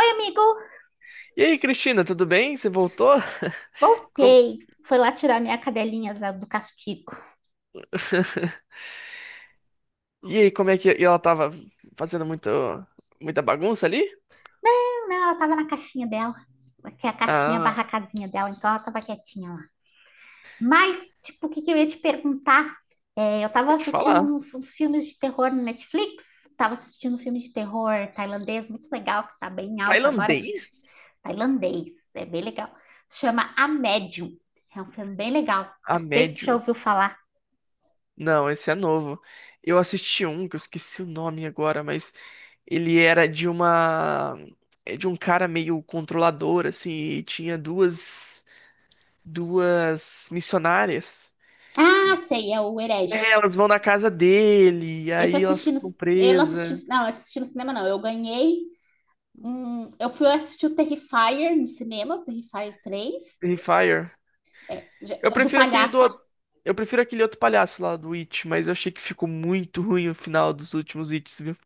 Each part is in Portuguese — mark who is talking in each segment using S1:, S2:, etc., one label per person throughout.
S1: Oi, amigo,
S2: E aí, Cristina, tudo bem? Você voltou? Como-
S1: voltei. Foi lá tirar minha cadelinha do castigo.
S2: E aí, como é que ela tava fazendo muita bagunça ali?
S1: Não, ela tava na caixinha dela, que é a caixinha barra
S2: Ah,
S1: casinha dela, então ela tava quietinha lá. Mas, tipo, o que que eu ia te perguntar? É, eu tava
S2: vou te
S1: assistindo
S2: falar.
S1: uns filmes de terror no Netflix. Tava assistindo um filme de terror tailandês muito legal, que tá bem alto agora, é
S2: Tailandês?
S1: tailandês, é bem legal. Se chama A Médium, é um filme bem legal.
S2: A
S1: Não sei se tu já
S2: médio.
S1: ouviu falar.
S2: Não, esse é novo. Eu assisti um que eu esqueci o nome agora, mas ele era de uma é de um cara meio controlador assim, e tinha duas missionárias.
S1: Ah, sei, é o Herege.
S2: É, elas vão na casa dele, e
S1: Esse eu
S2: aí elas
S1: assisti no,
S2: ficam
S1: eu não
S2: presas.
S1: assisti, não, assisti no cinema não. Eu fui assistir o Terrifier no cinema, o Terrifier 3,
S2: Free Fire. Eu
S1: o do
S2: prefiro aquele do.
S1: palhaço.
S2: Eu prefiro aquele outro palhaço lá do It, mas eu achei que ficou muito ruim o final dos últimos Its, viu?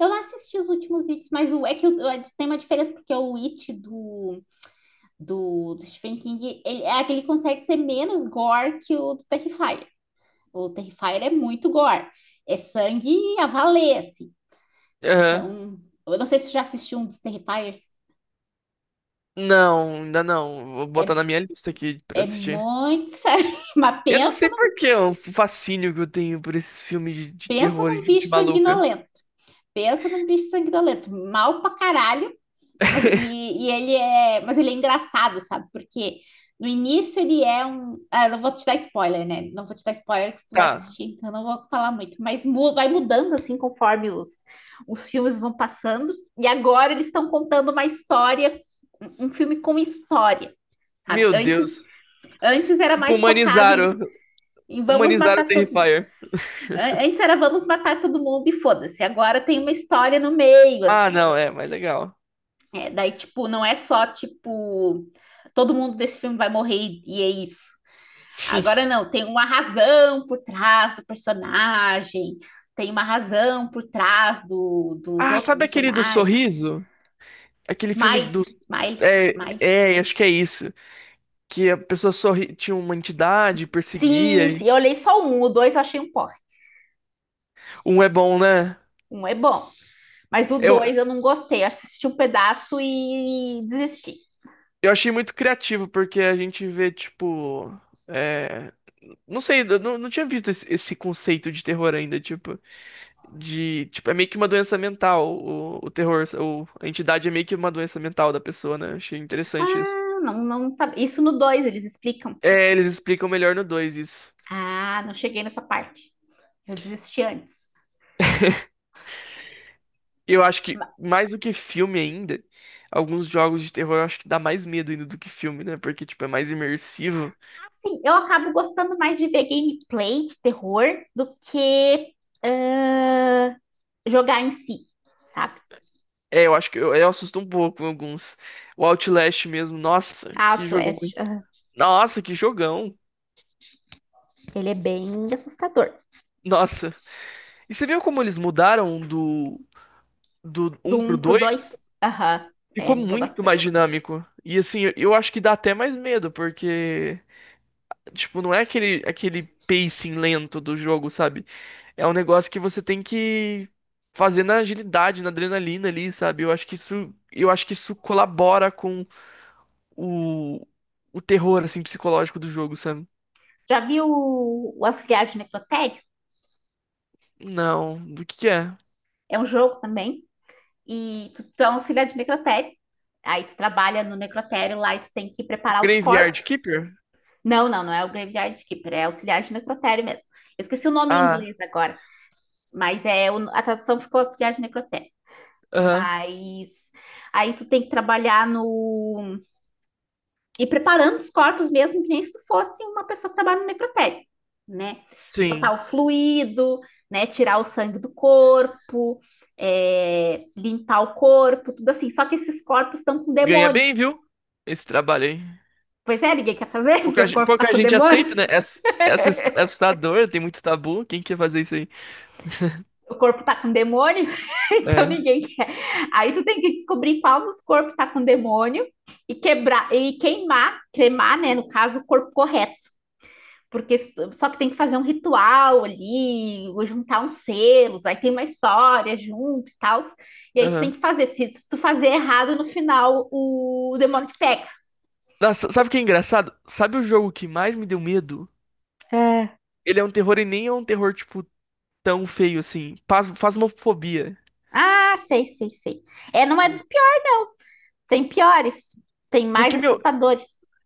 S1: Eu não assisti os últimos Its, mas é que tem uma diferença, porque o It do Stephen King, é que ele consegue ser menos gore que o do Terrifier. O Terrifier é muito gore. É sangue a valer, assim.
S2: Aham.
S1: Então, eu não sei se você já assistiu um dos Terrifiers.
S2: Não, ainda não. Vou botar
S1: É,
S2: na minha lista aqui pra
S1: é
S2: assistir.
S1: muito sangue. Mas
S2: Eu não
S1: pensa
S2: sei por que o fascínio que eu tenho por esses filmes de
S1: Pensa
S2: terror e
S1: num
S2: de gente
S1: bicho
S2: maluca.
S1: sanguinolento. Pensa num bicho sanguinolento. Mal pra caralho. Mas, e ele é, mas ele é engraçado, sabe? Porque no início ele é um. Ah, eu não vou te dar spoiler, né? Não vou te dar spoiler que tu vai
S2: Tá.
S1: assistir, então eu não vou falar muito. Mas vai mudando assim conforme os filmes vão passando. E agora eles estão contando uma história, um filme com história, sabe?
S2: Meu
S1: Antes,
S2: Deus.
S1: antes era
S2: Tipo,
S1: mais focado em,
S2: humanizaram.
S1: em
S2: Humanizaram o Terrifier.
S1: é, antes era vamos matar todo mundo e foda-se. Agora tem uma história no meio,
S2: Ah,
S1: assim.
S2: não, é, mas legal.
S1: É, daí, tipo, não é só, tipo, todo mundo desse filme vai morrer e, é isso. Agora não, tem uma razão por trás do personagem, tem uma razão por trás dos
S2: Ah,
S1: outros
S2: sabe aquele do
S1: personagens.
S2: Sorriso? Aquele filme
S1: Smile,
S2: do.
S1: smile,
S2: É,
S1: smile.
S2: é, acho que é isso. Que a pessoa sorri, tinha uma entidade, perseguia.
S1: Sim, sim,
S2: E...
S1: eu olhei só um, o dois eu achei um porre.
S2: Um é bom, né?
S1: Um é bom, mas o
S2: Eu,
S1: dois eu não gostei. Eu assisti um pedaço e desisti.
S2: eu achei muito criativo, porque a gente vê, tipo. é, Não sei, eu não, não tinha visto esse conceito de terror ainda, tipo, tipo, é meio que uma doença mental, o terror, o, a entidade é meio que uma doença mental da pessoa, né? Eu achei interessante isso.
S1: Ah, não, não sabe. Isso no 2 eles explicam.
S2: É, eles explicam melhor no 2 isso.
S1: Ah, não cheguei nessa parte. Eu desisti antes.
S2: Eu acho que,
S1: Mas,
S2: mais do que filme ainda, alguns jogos de terror eu acho que dá mais medo ainda do que filme, né? Porque, tipo, é mais imersivo.
S1: sim, eu acabo gostando mais de ver gameplay de terror do que ah, jogar em si, sabe?
S2: É, eu acho que eu assusto um pouco em alguns. O Outlast mesmo, nossa, que jogão,
S1: Outlast,
S2: hein?
S1: aham.
S2: Nossa, que jogão.
S1: Ele é bem assustador.
S2: Nossa. E você viu como eles mudaram do, do
S1: Do
S2: um pro
S1: um pro dois,
S2: 2?
S1: aham, é,
S2: Ficou
S1: mudou
S2: muito
S1: bastante.
S2: mais dinâmico. E assim, eu acho que dá até mais medo, porque, tipo, não é aquele pacing lento do jogo, sabe? É um negócio que você tem que fazer na agilidade, na adrenalina ali, sabe? Eu acho que isso, eu acho que isso colabora o, o terror, assim, psicológico do jogo, sabe?
S1: Já viu o Auxiliar de Necrotério?
S2: Não, do que é?
S1: É um jogo também. E tu é um auxiliar de necrotério. Aí tu trabalha no necrotério lá e tu tem que preparar os
S2: Graveyard
S1: corpos.
S2: Keeper?
S1: Não, não, não é o Graveyard Keeper, é auxiliar de necrotério mesmo. Eu esqueci o nome em
S2: Ah,
S1: inglês agora, mas é a tradução ficou auxiliar de necrotério.
S2: aham,
S1: Mas aí tu tem que trabalhar no e preparando os corpos mesmo que nem se tu fosse uma pessoa que trabalha no necrotério, né? Botar
S2: sim.
S1: o fluido, né? Tirar o sangue do corpo, é, limpar o corpo, tudo assim. Só que esses corpos estão com
S2: Ganha
S1: demônio.
S2: bem, viu? Esse trabalho aí.
S1: Pois é, ninguém quer fazer porque o corpo tá
S2: Pouca
S1: com
S2: gente
S1: demônio.
S2: aceita, né? É, é assustador, tem muito tabu. Quem quer fazer isso aí?
S1: O corpo tá com demônio, então
S2: É.
S1: ninguém quer. Aí tu tem que descobrir qual dos corpos tá com demônio e quebrar e queimar, cremar, né, no caso, o corpo correto. Porque só que tem que fazer um ritual ali, ou juntar uns selos, aí tem uma história junto e tal. E aí tu tem
S2: Aham.
S1: que fazer. Se tu fazer errado no final, o demônio te pega.
S2: Nossa, sabe o que é engraçado? Sabe o jogo que mais me deu medo? Ele é um terror e nem é um terror, tipo, tão feio assim. Fasmofobia.
S1: Ah, sei, sei, sei. É, não é dos piores. Tem piores, tem mais
S2: Porque, meu,
S1: assustadores.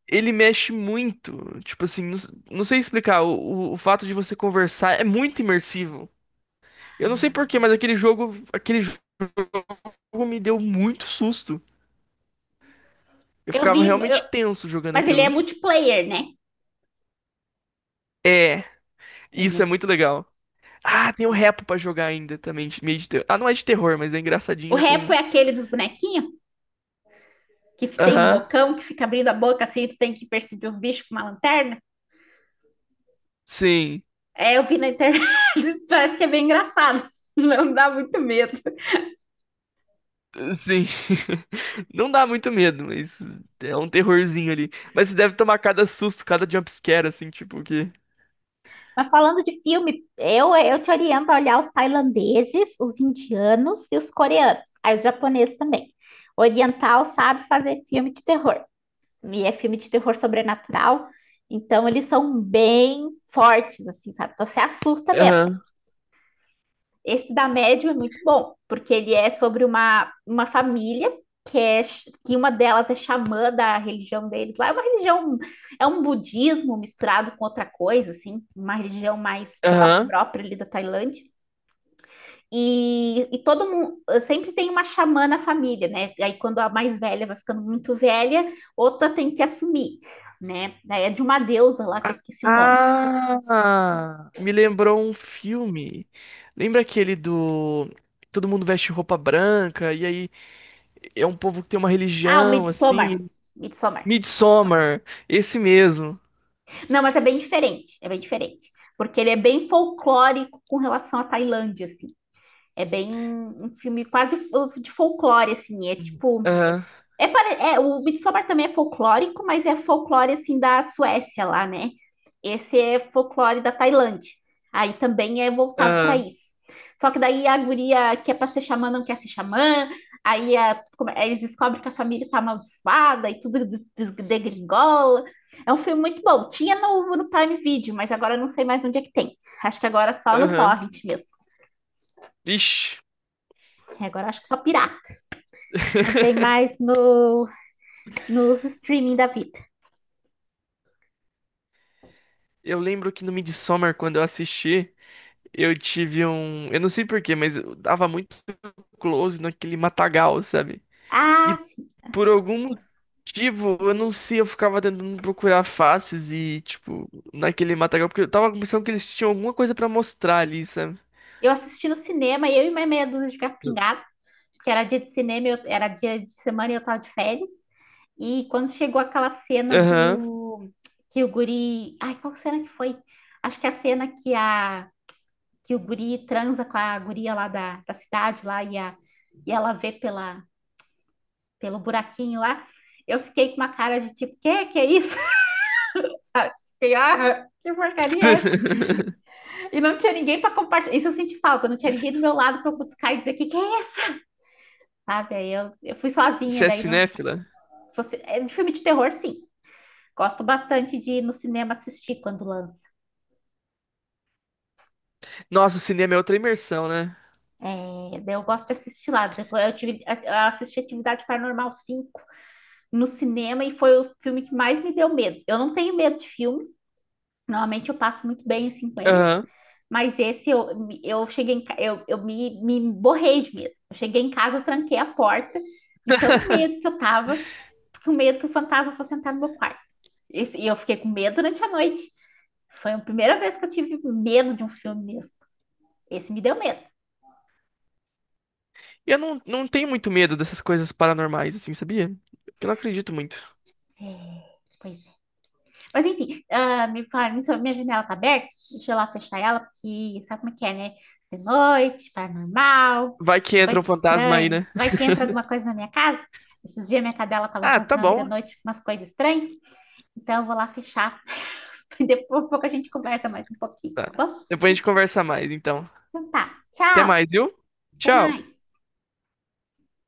S2: Ele mexe muito. Tipo assim, não sei explicar. O fato de você conversar é muito imersivo. Eu não sei por quê, mas aquele jogo me deu muito susto. Eu
S1: Eu
S2: ficava
S1: vi, eu-
S2: realmente tenso jogando
S1: mas ele é
S2: aquilo.
S1: multiplayer, né?
S2: É,
S1: É,
S2: isso é
S1: né?
S2: muito legal. Ah, tem o Repo pra jogar ainda também, meio de terror. Ah, não é de terror, mas é
S1: O
S2: engraçadinho
S1: repo
S2: com.
S1: é aquele dos bonequinhos, que tem um
S2: Aham,
S1: bocão que fica abrindo a boca assim, tu tem que perseguir os bichos com uma lanterna.
S2: sim,
S1: É, eu vi na internet, parece que é bem engraçado. Não dá muito medo.
S2: sim. Não dá muito medo, mas é um terrorzinho ali. Mas você deve tomar cada susto, cada jumpscare, assim, tipo, que.
S1: Mas falando de filme, eu te oriento a olhar os tailandeses, os indianos e os coreanos. Aí os japoneses também. Oriental sabe fazer filme de terror. E é filme de terror sobrenatural. Então eles são bem fortes, assim, sabe? Então você assusta mesmo.
S2: Aham,
S1: Esse da Médium é muito bom, porque ele é sobre uma família que, é, que uma delas é xamã da religião deles lá. É uma religião, é um budismo misturado com outra coisa, assim, uma religião mais
S2: aham.
S1: própria ali da Tailândia. E todo mundo sempre tem uma xamã na família, né? Aí quando a mais velha vai ficando muito velha, outra tem que assumir, né? Daí é de uma deusa lá que eu esqueci o nome.
S2: Ah, me lembrou um filme. Lembra aquele do todo mundo veste roupa branca e aí é um povo que tem uma
S1: Ah, o
S2: religião
S1: Midsommar.
S2: assim,
S1: Midsommar.
S2: Midsommar, esse mesmo.
S1: Não, mas é bem diferente, é bem diferente. Porque ele é bem folclórico com relação à Tailândia, assim. É bem um filme quase de folclore, assim. É
S2: Uhum.
S1: tipo,
S2: Aham,
S1: é, o Midsommar também é folclórico, mas é folclore assim da Suécia lá, né? Esse é folclore da Tailândia. Aí também é voltado para
S2: aham,
S1: isso. Só que daí a guria que é para ser xamã não quer ser xamã, aí eles descobrem que a família tá amaldiçoada e tudo degringola. É um filme muito bom. Tinha no Prime Video, mas agora eu não sei mais onde é que tem. Acho que agora é só no
S2: aham.
S1: Torrent mesmo.
S2: Ixi.
S1: É, agora acho que só pirata. Não tem mais no, nos streaming da vida.
S2: Eu lembro que no Midsommar, quando eu assisti, eu tive um. Eu não sei por quê, mas eu dava muito close naquele matagal, sabe?
S1: Ah,
S2: Por algum motivo, eu não sei, eu ficava tentando procurar faces e, tipo, naquele matagal, porque eu tava pensando que eles tinham alguma coisa pra mostrar ali, sabe?
S1: eu assisti no cinema, eu e mais meia dúzia de gato pingado, porque era dia de cinema, era dia de semana e eu tava de férias. E quando chegou aquela cena
S2: Aham.
S1: do que o guri, ai, qual que cena que foi? Acho que é a cena que o guri transa com a guria lá da cidade lá e, a, e ela vê pela pelo buraquinho lá. Eu fiquei com uma cara de tipo, que é isso? Fiquei, ah, que porcaria é essa? E não tinha ninguém para compartilhar. Isso eu senti falta, não tinha ninguém do meu lado para eu cutucar e dizer que é, sabe? Aí eu fui sozinha,
S2: Você é
S1: daí não.
S2: cinéfila?
S1: só se- é, de filme de terror, sim. Gosto bastante de ir no cinema assistir quando lança.
S2: Nossa, o cinema é outra imersão, né?
S1: É, daí eu gosto de assistir lá. Eu assisti Atividade Paranormal 5 no cinema e foi o filme que mais me deu medo. Eu não tenho medo de filme, normalmente eu passo muito bem assim com eles,
S2: Aham.
S1: mas eu cheguei eu me borrei de medo. Eu cheguei em casa, eu tranquei a porta de tão medo que eu tava, porque o medo que o fantasma fosse entrar no meu quarto. E eu fiquei com medo durante a noite. Foi a primeira vez que eu tive medo de um filme mesmo. Esse me deu medo.
S2: E eu não, não tenho muito medo dessas coisas paranormais, assim, sabia? Eu não acredito muito.
S1: É, pois é. Mas enfim, ah, me falaram isso, minha janela tá aberta. Deixa eu lá fechar ela, porque sabe como é que é, né? De noite, paranormal,
S2: Vai que entra um
S1: coisas
S2: fantasma aí, né?
S1: estranhas. Vai que entra alguma coisa na minha casa. Esses dias minha cadela tava
S2: Ah, tá
S1: rosnando de
S2: bom.
S1: noite umas coisas estranhas. Então eu vou lá fechar. Depois, um pouco a gente conversa mais um pouquinho,
S2: Tá.
S1: tá bom?
S2: Depois a gente conversa mais, então.
S1: Então tá.
S2: Até
S1: Tchau.
S2: mais, viu?
S1: Até
S2: Tchau.
S1: mais.